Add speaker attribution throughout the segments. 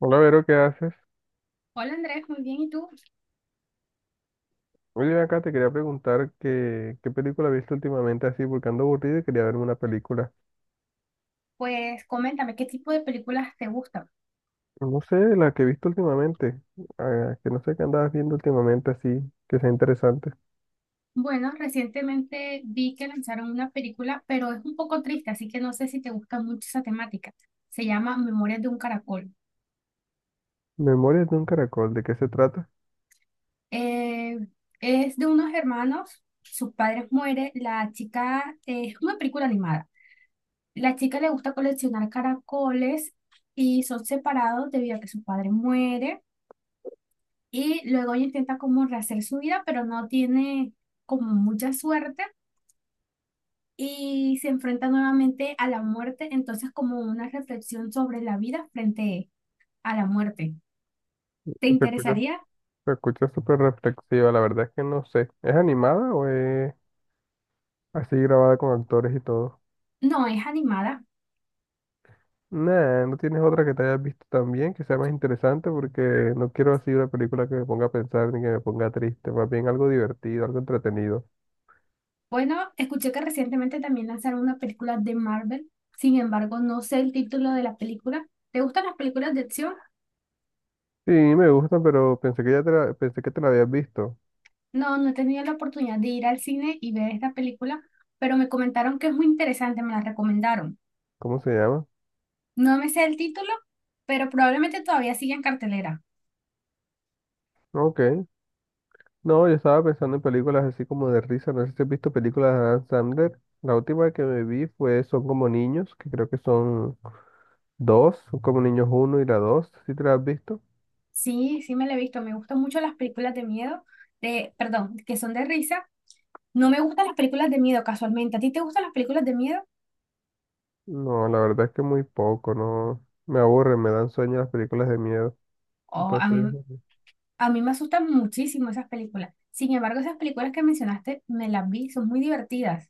Speaker 1: Hola, Vero, ¿qué haces?
Speaker 2: Hola Andrés, muy bien. ¿Y tú?
Speaker 1: Oye, acá te quería preguntar qué película has visto últimamente así, porque ando aburrido y quería verme una película.
Speaker 2: Pues coméntame, ¿qué tipo de películas te gustan?
Speaker 1: No sé, la que he visto últimamente, que no sé qué andabas viendo últimamente así, que sea interesante.
Speaker 2: Bueno, recientemente vi que lanzaron una película, pero es un poco triste, así que no sé si te gusta mucho esa temática. Se llama Memorias de un caracol.
Speaker 1: Memorias de un caracol, ¿de qué se trata?
Speaker 2: Eh, es de unos hermanos, sus padres mueren, la chica, es una película animada. La chica le gusta coleccionar caracoles y son separados debido a que su padre muere y luego ella intenta como rehacer su vida, pero no tiene como mucha suerte y se enfrenta nuevamente a la muerte, entonces como una reflexión sobre la vida frente a la muerte. ¿Te
Speaker 1: Se escucha,
Speaker 2: interesaría?
Speaker 1: se escucha súper reflexiva, la verdad es que no sé. ¿Es animada o es así grabada con actores y todo?
Speaker 2: No, es animada.
Speaker 1: Nah, no tienes otra que te hayas visto también que sea más interesante porque no quiero así una película que me ponga a pensar ni que me ponga triste, más bien algo divertido, algo entretenido.
Speaker 2: Bueno, escuché que recientemente también lanzaron una película de Marvel, sin embargo, no sé el título de la película. ¿Te gustan las películas de acción?
Speaker 1: Sí, me gusta, pero pensé que te la habías visto.
Speaker 2: No, no he tenido la oportunidad de ir al cine y ver esta película, pero me comentaron que es muy interesante, me la recomendaron.
Speaker 1: ¿Cómo se llama?
Speaker 2: No me sé el título, pero probablemente todavía sigue en cartelera.
Speaker 1: Ok. No, yo estaba pensando en películas así como de risa. No sé si has visto películas de Adam Sandler. La última que me vi fue Son como niños, que creo que son dos, Son como niños uno y la dos. ¿Sí te la has visto?
Speaker 2: Sí, sí me la he visto. Me gustan mucho las películas de miedo, de, perdón, que son de risa. No me gustan las películas de miedo casualmente. ¿A ti te gustan las películas de miedo?
Speaker 1: No, la verdad es que muy poco, no. Me aburren, me dan sueño las películas de miedo.
Speaker 2: Oh,
Speaker 1: Entonces,
Speaker 2: a mí me asustan muchísimo esas películas. Sin embargo, esas películas que mencionaste me las vi, son muy divertidas.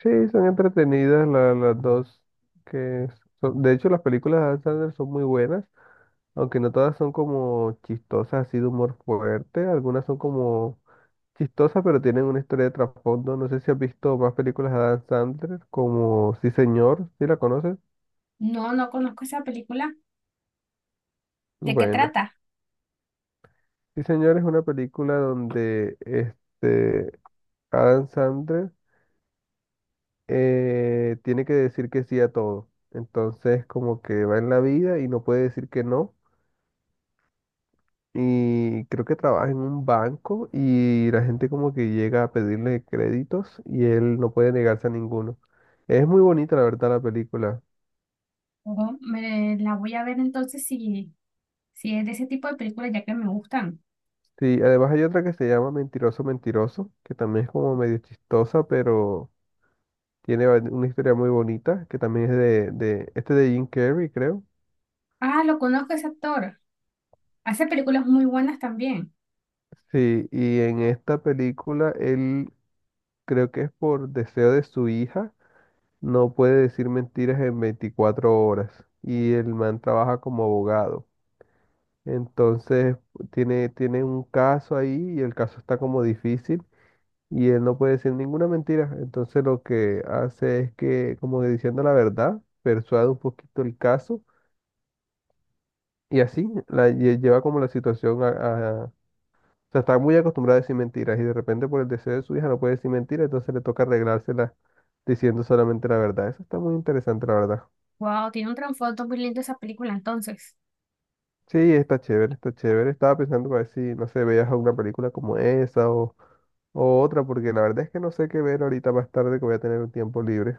Speaker 1: sí, son entretenidas las dos. Que de hecho, las películas de Adam Sandler son muy buenas, aunque no todas son como chistosas, así de humor fuerte. Algunas son como chistosas, pero tienen una historia de trasfondo. No sé si has visto más películas de Adam Sandler, como Sí, señor, ¿sí la conoces?
Speaker 2: No, no conozco esa película. ¿De qué
Speaker 1: Bueno,
Speaker 2: trata?
Speaker 1: Sí, señor es una película donde este Adam Sandler tiene que decir que sí a todo. Entonces, como que va en la vida y no puede decir que no. Y creo que trabaja en un banco y la gente como que llega a pedirle créditos y él no puede negarse a ninguno. Es muy bonita la verdad la película.
Speaker 2: Ojo, me la voy a ver entonces si, si es de ese tipo de películas ya que me gustan.
Speaker 1: Sí, además hay otra que se llama Mentiroso Mentiroso, que también es como medio chistosa, pero tiene una historia muy bonita, que también es de este de Jim Carrey, creo.
Speaker 2: Ah, lo conozco ese actor. Hace películas muy buenas también.
Speaker 1: Sí, y en esta película él creo que es por deseo de su hija, no puede decir mentiras en 24 horas y el man trabaja como abogado. Entonces tiene un caso ahí y el caso está como difícil y él no puede decir ninguna mentira. Entonces lo que hace es que, como que diciendo la verdad, persuade un poquito el caso y así la lleva como la situación o sea, está muy acostumbrada a decir mentiras y de repente por el deseo de su hija no puede decir mentiras, entonces le toca arreglársela diciendo solamente la verdad. Eso está muy interesante, la verdad.
Speaker 2: Wow, tiene un trasfondo muy lindo esa película entonces.
Speaker 1: Sí, está chévere, está chévere. Estaba pensando para ver si, no sé, veías alguna película como esa o... O otra, porque la verdad es que no sé qué ver ahorita más tarde que voy a tener un tiempo libre.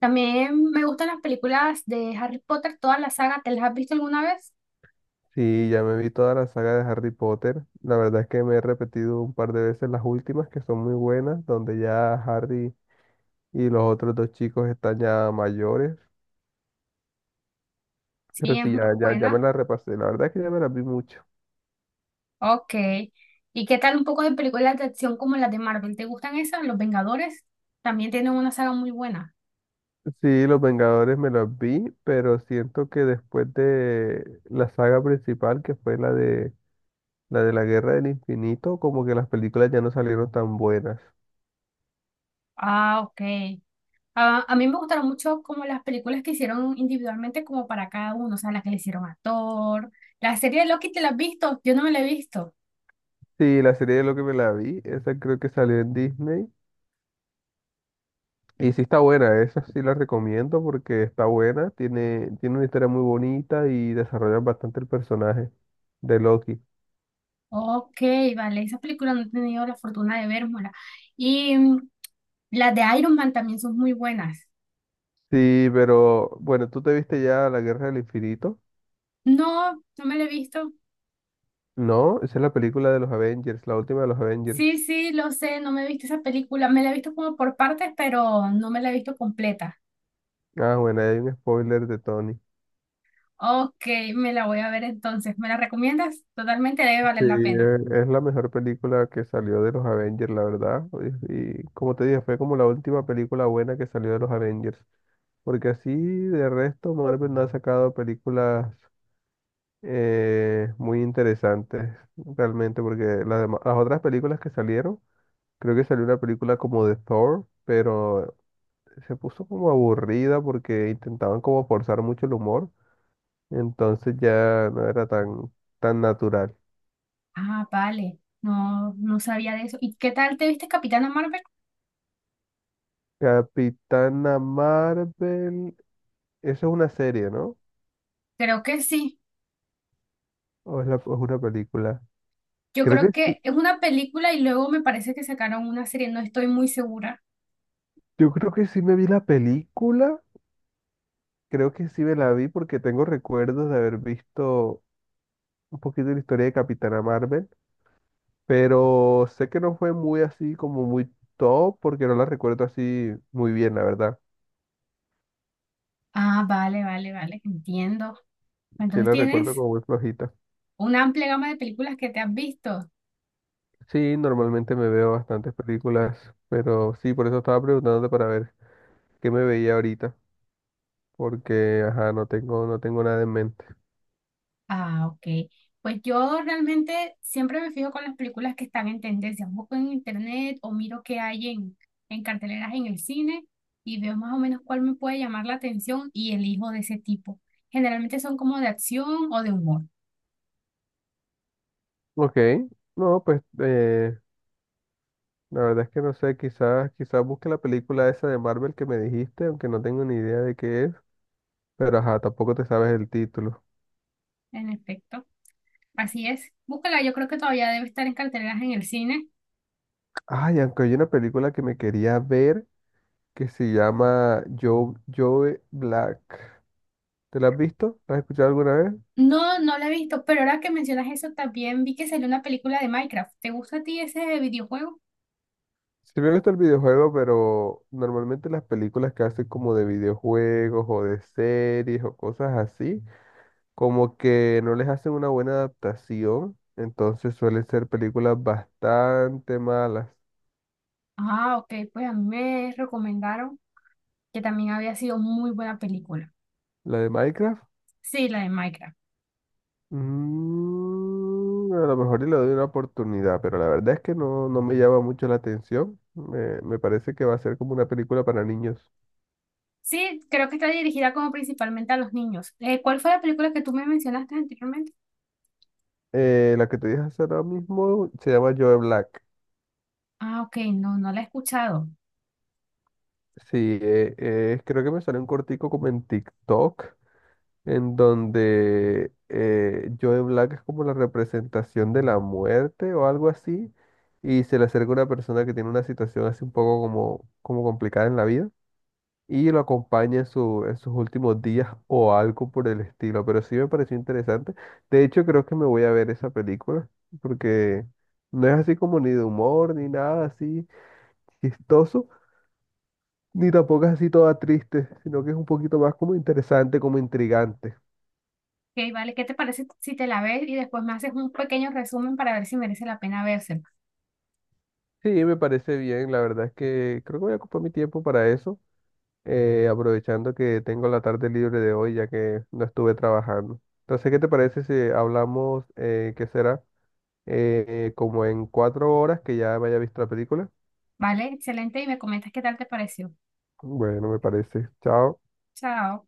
Speaker 2: También me gustan las películas de Harry Potter, toda la saga. ¿Te las has visto alguna vez?
Speaker 1: Sí, ya me vi toda la saga de Harry Potter. La verdad es que me he repetido un par de veces las últimas, que son muy buenas, donde ya Harry y los otros dos chicos están ya mayores.
Speaker 2: Sí,
Speaker 1: Pero
Speaker 2: es
Speaker 1: sí,
Speaker 2: muy
Speaker 1: ya, ya, ya me
Speaker 2: buena.
Speaker 1: las repasé. La verdad es que ya me las vi mucho.
Speaker 2: Ok. ¿Y qué tal un poco de películas de acción como las de Marvel? ¿Te gustan esas? Los Vengadores también tienen una saga muy buena.
Speaker 1: Sí, Los Vengadores me los vi, pero siento que después de la saga principal, que fue la de la Guerra del Infinito, como que las películas ya no salieron tan buenas.
Speaker 2: Ah, ok. Ah, a mí me gustaron mucho como las películas que hicieron individualmente como para cada uno, o sea, las que le hicieron a Thor. La serie de Loki, ¿te la has visto? Yo no me la he visto.
Speaker 1: Sí, la serie de lo que me la vi, esa creo que salió en Disney. Y sí está buena, esa sí la recomiendo porque está buena, tiene una historia muy bonita y desarrollan bastante el personaje de Loki.
Speaker 2: Ok, vale, esas películas no he tenido la fortuna de verlas. Y mm, las de Iron Man también son muy buenas.
Speaker 1: Sí, pero bueno, tú te viste ya La Guerra del Infinito.
Speaker 2: No, no me la he visto.
Speaker 1: No, esa es la película de los Avengers, la última de los Avengers.
Speaker 2: Sí, sí, lo sé, no me he visto esa película. Me la he visto como por partes, pero no me la he visto completa.
Speaker 1: Ah, bueno, ahí hay un spoiler de Tony.
Speaker 2: Ok, me la voy a ver entonces. ¿Me la recomiendas? Totalmente debe
Speaker 1: Sí,
Speaker 2: valer la pena.
Speaker 1: es la mejor película que salió de los Avengers, la verdad. Y como te dije, fue como la última película buena que salió de los Avengers. Porque así de resto Marvel no ha sacado películas muy interesantes realmente, porque las otras películas que salieron, creo que salió una película como de Thor, pero se puso como aburrida porque intentaban como forzar mucho el humor, entonces ya no era tan natural.
Speaker 2: Ah, vale. No, no sabía de eso. ¿Y qué tal te viste Capitana Marvel?
Speaker 1: Capitana Marvel, eso es una serie, ¿no?
Speaker 2: Creo que sí.
Speaker 1: ¿O es una película?
Speaker 2: Yo
Speaker 1: Creo que
Speaker 2: creo
Speaker 1: sí.
Speaker 2: que es una película y luego me parece que sacaron una serie, no estoy muy segura.
Speaker 1: Yo creo que sí me vi la película. Creo que sí me la vi porque tengo recuerdos de haber visto un poquito de la historia de Capitana Marvel, pero sé que no fue muy así como muy top porque no la recuerdo así muy bien, la verdad.
Speaker 2: Ah, vale, vale, vale, entiendo.
Speaker 1: Sí
Speaker 2: Entonces
Speaker 1: la recuerdo
Speaker 2: tienes
Speaker 1: como muy flojita.
Speaker 2: una amplia gama de películas que te has visto.
Speaker 1: Sí, normalmente me veo bastantes películas, pero sí, por eso estaba preguntándote para ver qué me veía ahorita, porque ajá, no tengo nada en mente.
Speaker 2: Ah, ok. Pues yo realmente siempre me fijo con las películas que están en tendencia. Busco en internet o miro qué hay en carteleras en el cine y veo más o menos cuál me puede llamar la atención y elijo de ese tipo. Generalmente son como de acción o de humor,
Speaker 1: Ok, no, pues la verdad es que no sé, quizás busque la película esa de Marvel que me dijiste, aunque no tengo ni idea de qué es. Pero ajá, tampoco te sabes el título.
Speaker 2: en efecto. Así es. Búscala, yo creo que todavía debe estar en carteleras en el cine.
Speaker 1: Ay, aunque hay una película que me quería ver que se llama Joe Black. ¿Te la has visto? ¿La has escuchado alguna vez?
Speaker 2: No, no la he visto, pero ahora que mencionas eso, también vi que salió una película de Minecraft. ¿Te gusta a ti ese videojuego?
Speaker 1: Sí me gusta el videojuego, pero normalmente las películas que hacen como de videojuegos o de series o cosas así, como que no les hacen una buena adaptación, entonces suelen ser películas bastante malas.
Speaker 2: Ah, ok, pues a mí me recomendaron que también había sido muy buena película.
Speaker 1: La de Minecraft.
Speaker 2: Sí, la de Minecraft.
Speaker 1: Mm, a lo mejor y le doy una oportunidad, pero la verdad es que no, no me llama mucho la atención. Me parece que va a ser como una película para niños.
Speaker 2: Sí, creo que está dirigida como principalmente a los niños. ¿Cuál fue la película que tú me mencionaste anteriormente?
Speaker 1: La que te dije hace ahora mismo se llama Joe Black.
Speaker 2: Ah, ok, no, no la he escuchado.
Speaker 1: Sí, creo que me salió un cortico como en TikTok, en donde Joe Black es como la representación de la muerte o algo así, y se le acerca una persona que tiene una situación así un poco como complicada en la vida, y lo acompaña en, en sus últimos días o algo por el estilo. Pero sí me pareció interesante. De hecho, creo que me voy a ver esa película porque no es así como ni de humor, ni nada así chistoso, ni tampoco es así toda triste, sino que es un poquito más como interesante, como intrigante.
Speaker 2: Ok, vale, ¿qué te parece si te la ves y después me haces un pequeño resumen para ver si merece la pena vérsela?
Speaker 1: Sí, me parece bien. La verdad es que creo que voy a ocupar mi tiempo para eso, aprovechando que tengo la tarde libre de hoy ya que no estuve trabajando. Entonces, ¿qué te parece si hablamos, qué será, como en 4 horas que ya me haya visto la película?
Speaker 2: Vale, excelente y me comentas qué tal te pareció.
Speaker 1: Bueno, me parece. Chao.
Speaker 2: Chao.